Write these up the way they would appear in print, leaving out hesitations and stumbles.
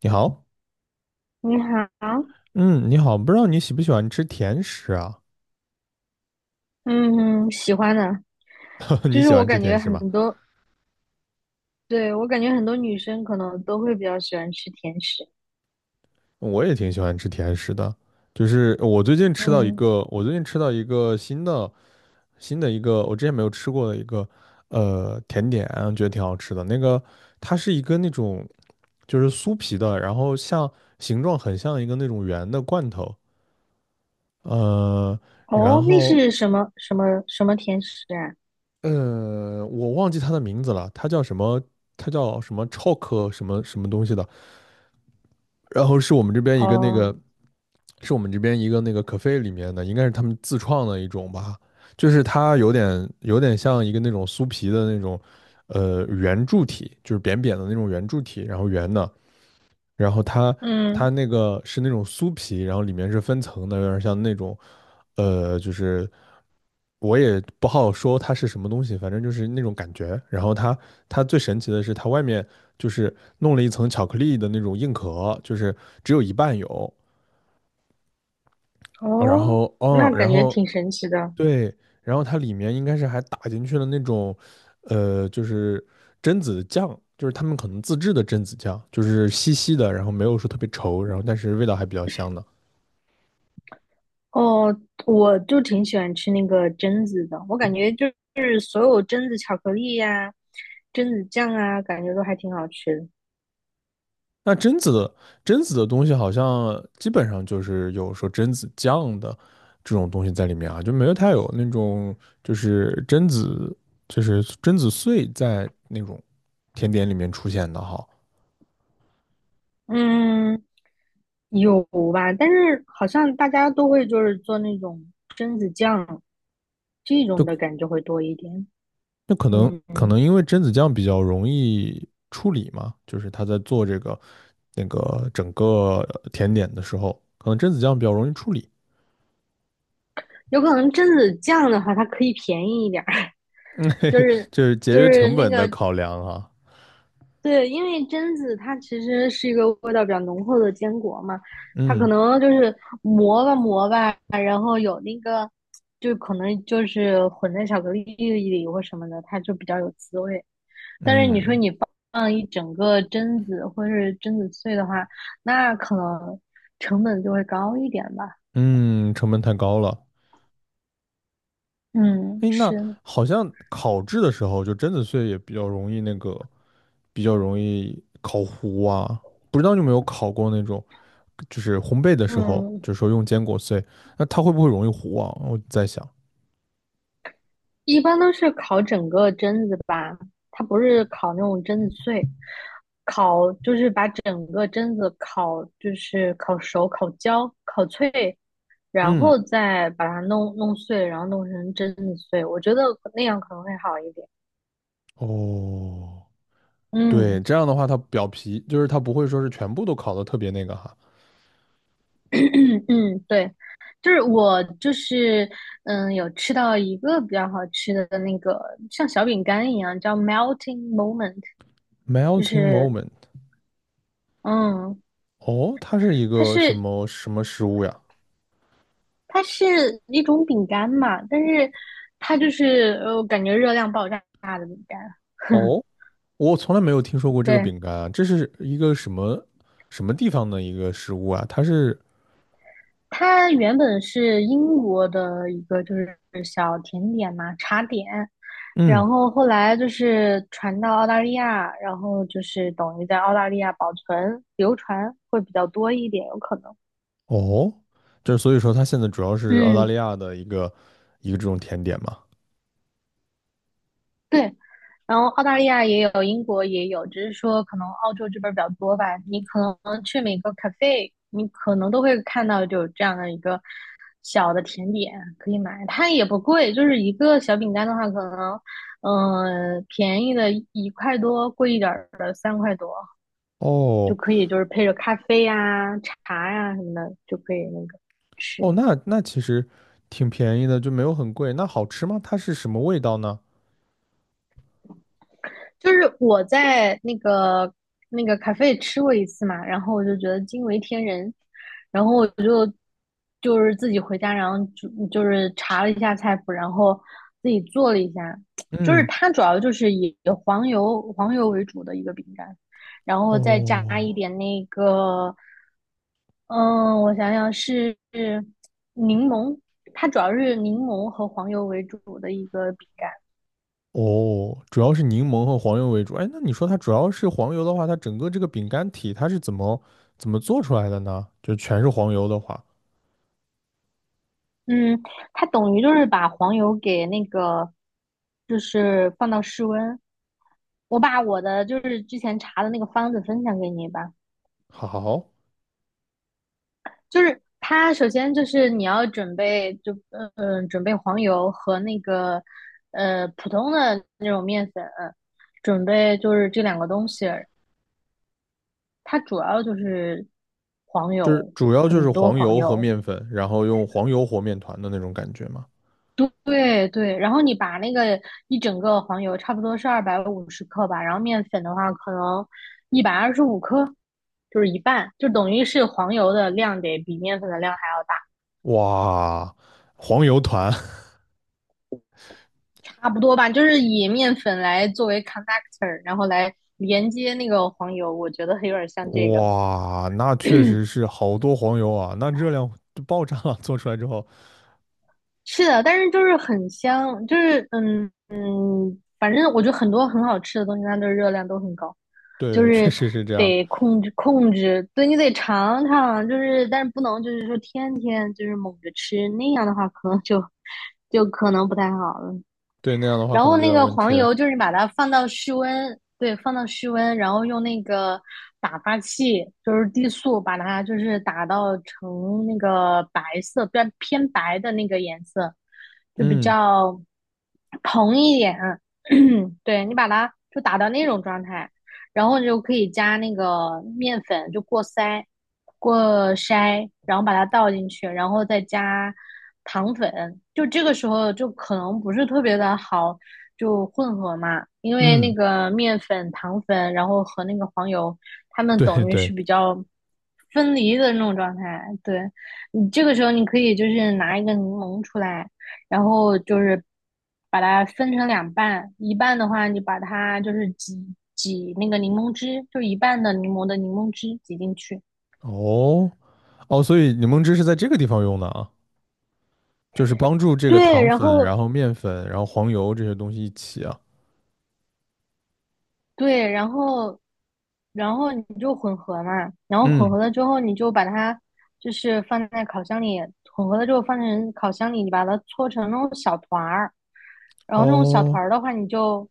你好，你好，嗯，你好，不知道你喜不喜欢吃甜食啊？嗯，喜欢的，就你是喜我欢吃感甜觉食吗？很多，对，我感觉很多女生可能都会比较喜欢吃甜食。我也挺喜欢吃甜食的，就是嗯，我最近吃到一个新的一个我之前没有吃过的一个甜点，觉得挺好吃的。那个它是一个那种就是酥皮的，然后形状很像一个那种圆的罐头，呃，然哦，那后是什么甜食啊？我忘记它的名字了，它叫什么？它叫什么 chalk 什么什么东西的。然后是我们这边一个那哦，个，是我们这边一个那个 cafe 里面的，应该是他们自创的一种吧，就是它有点像一个那种酥皮的那种，圆柱体，就是扁扁的那种圆柱体，然后圆的，然后它嗯，那个是那种酥皮，然后里面是分层的，有点像那种，就是我也不好说它是什么东西，反正就是那种感觉。然后它最神奇的是，它外面就是弄了一层巧克力的那种硬壳，就是只有一半有。然哦，后哦，那感然觉后挺神奇的。对，然后它里面应该是还打进去了那种，就是榛子酱，就是他们可能自制的榛子酱，就是稀稀的，然后没有说特别稠，然后但是味道还比较香的。哦，我就挺喜欢吃那个榛子的，我感觉就是所有榛子巧克力呀、榛子酱啊，感觉都还挺好吃的。那榛子的东西好像基本上就是有说榛子酱的这种东西在里面啊，就没有太有那种就是榛子就是榛子碎在那种甜点里面出现的哈。嗯，有吧，但是好像大家都会就是做那种榛子酱这种就。的感觉会多一点。那嗯，可能因为榛子酱比较容易处理嘛，就是他在做这个那个整个甜点的时候，可能榛子酱比较容易处理，有可能榛子酱的话，它可以便宜一点儿，就是这是节就约是成那本的个考量啊。对，因为榛子它其实是一个味道比较浓厚的坚果嘛，它可嗯能就是磨吧磨吧，然后有那个就可能就是混在巧克力里或什么的，它就比较有滋味。嗯放一整个榛子或是榛子碎的话，那可能成本就会高一点吧。嗯，成本太高了。嗯，哎，那是，好像烤制的时候，就榛子碎也比较容易那个，比较容易烤糊啊。不知道你有没有烤过那种，就是烘焙的时候，嗯，就是说用坚果碎，那它会不会容易糊啊？我在想，一般都是烤整个榛子吧，它不是烤那种榛子碎，烤就是把整个榛子烤，就是烤熟、烤焦、烤脆，然嗯。后再把它弄弄碎，然后弄成榛子碎。我觉得那样可能会好一点。哦，对，嗯。这样的话，它表皮就是它不会说是全部都烤的特别那个哈。嗯，对，就是我就是有吃到一个比较好吃的那个像小饼干一样，叫 melting moment，就 Melting 是 moment，嗯，哦，它是一它个什是么什么食物呀？它是一种饼干嘛，但是它就是我感觉热量爆炸。饼干，哦，我从来没有听说过这个对，饼干啊，这是一个什么地方的一个食物啊？它是，它原本是英国的一个就是小甜点嘛，茶点，然嗯，后后来就是传到澳大利亚，然后就是等于在澳大利亚保存流传会比较多一点，有可能。哦，就是所以说它现在主要是澳大嗯，利亚的一个这种甜点嘛。对，然后澳大利亚也有，英国也有，只是说可能澳洲这边儿比较多吧。你可能去每个 cafe，你可能都会看到有这样的一个小的甜点可以买，它也不贵，就是一个小饼干的话，可能便宜的一块多，贵一点儿的三块多就哦可以，就是配着咖啡呀、茶呀、什么的就可以那个哦，吃。那其实挺便宜的，就没有很贵。那好吃吗？它是什么味道呢？就是我在那个咖啡吃过一次嘛，然后我就觉得惊为天人，然后我就是自己回家，然后就是查了一下菜谱，然后自己做了一下，就是嗯，它主要就是以黄油为主的一个饼干，然后再加一哦。点那个，嗯，我想想是柠檬，它主要是柠檬和黄油为主的一个饼干。哦，主要是柠檬和黄油为主。哎，那你说它主要是黄油的话，它整个这个饼干体它是怎么做出来的呢？就全是黄油的话，嗯，它等于就是把黄油给那个，就是放到室温。我把我的就是之前查的那个方子分享给你吧。好，就是它首先就是你要准备就准备黄油和那个普通的那种面粉，准备就是这两个东西。它主要就是黄就是油，主要就很是多黄黄油和油。面粉，然后用黄油和面团的那种感觉吗？对对，然后你把那个一整个黄油差不多是二百五十克吧，然后面粉的话可能一百二十五克，就是一半，就等于是黄油的量得比面粉的量还要哇，黄油团，差不多吧，就是以面粉来作为 connector 然后来连接那个黄油，我觉得有点 像这个。哇，那确实是好多黄油啊，那热量就爆炸了。做出来之后，是的，但是就是很香，就是反正我觉得很多很好吃的东西，它的热量都很高，就对，确是实是这样。得控制控制，对你得尝尝，就是但是不能就是说天天就是猛着吃，那样的话可能就可能不太好了。对，那样的话然可后能就有那点个问题黄了。油就是把它放到室温，对，放到室温，然后用那个打发器，就是低速，把它就是打到成那个白色，比较偏白的那个颜色，就比嗯较蓬一点。对，你把它就打到那种状态，然后你就可以加那个面粉，就过筛，过筛，然后把它倒进去，然后再加糖粉，就这个时候就可能不是特别的好，就混合嘛，因为那嗯，个面粉、糖粉，然后和那个黄油，它们对等于对，是比较分离的那种状态。对，你这个时候你可以就是拿一个柠檬出来，然后就是把它分成两半，一半的话你把它就是挤挤那个柠檬汁，就一半的柠檬的柠檬汁挤进去，哦。哦，所以柠檬汁是在这个地方用的啊，就是帮助这个对，糖然粉，后然后面粉，然后黄油这些东西一起啊。对，然后你就混合嘛，然后混合嗯，了之后，你就把它就是放在烤箱里，混合了之后放成烤箱里，你把它搓成那种小团儿，然后那种小团哦，儿的话，你就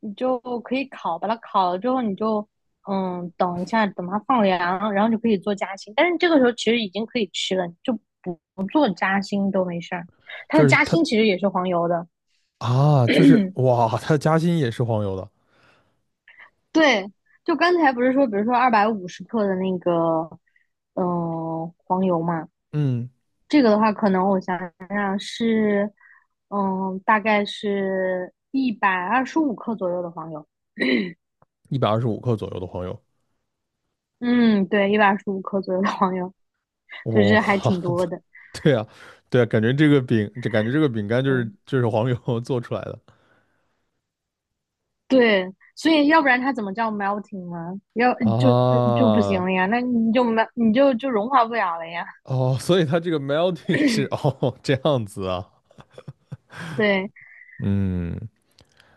你就可以烤，把它烤了之后，你就等一下，等它放凉，然后就可以做夹心。但是这个时候其实已经可以吃了，就不做夹心都没事儿。它的就是夹它心其实也是黄油的。啊，就是哇，它的夹心也是黄油的，对，就刚才不是说，比如说二百五十克的那个，黄油嘛，嗯，这个的话，可能我想想是，大概是一百二十五克左右的黄油。125克左右的黄油。嗯，对，125克左右的黄油，哇，就是还挺多 的。对啊，对啊，感觉这个饼，这感觉这个饼干就是嗯，黄油 做出来的对，所以要不然它怎么叫 melting 呢？要就就不行啊。了呀，那你就没你就融化不了了呀。哦，所以它这个 melting 是哦这样子啊，对，嗯，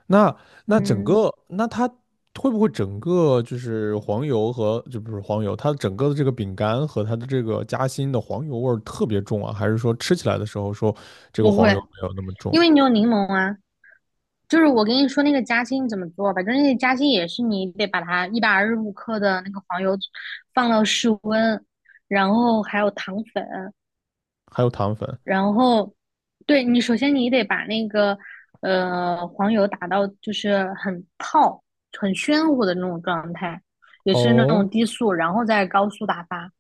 那整嗯，个它会不会整个就是黄油和就不是黄油，它整个的这个饼干和它的这个夹心的黄油味儿特别重啊？还是说吃起来的时候说这个不黄会，油没有那么重？因为你有柠檬啊。就是我跟你说那个夹心怎么做吧，就是那个夹心也是你得把它一百二十五克的那个黄油放到室温，然后还有糖粉，还有糖粉然后对你首先你得把那个黄油打到就是很泡、很暄乎的那种状态，也是那哦，种低速，然后再高速打发。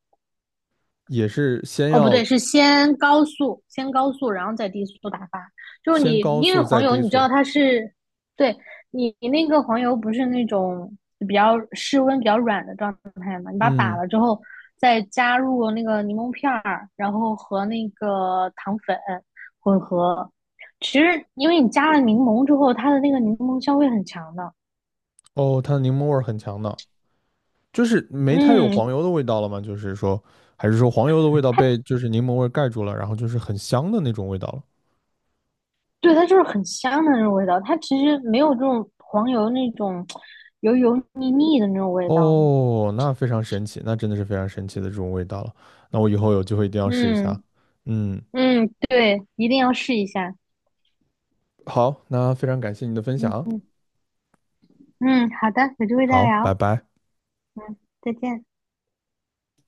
也是哦，不对，是先高速，先高速，然后再低速打发。就是先你，高因为速再黄油，低你知道速，它是，对，你那个黄油不是那种比较室温比较软的状态嘛？你把它打嗯，了之后，再加入那个柠檬片儿，然后和那个糖粉混合。其实，因为你加了柠檬之后，它的那个柠檬香味很强的。哦，它的柠檬味儿很强的，就是没太有嗯，黄油的味道了吗？就是说，还是说黄油的味道它被就是柠檬味儿盖住了，然后就是很香的那种味道了？对，它就是很香的那种味道，它其实没有这种黄油那种油油腻腻的那种味道。哦，那非常神奇，那真的是非常神奇的这种味道了。那我以后有机会一定要试一下。嗯嗯，嗯，对，一定要试一下。好，那非常感谢你的分嗯享。嗯嗯，好的，有机会再好，拜聊。拜。嗯，再见。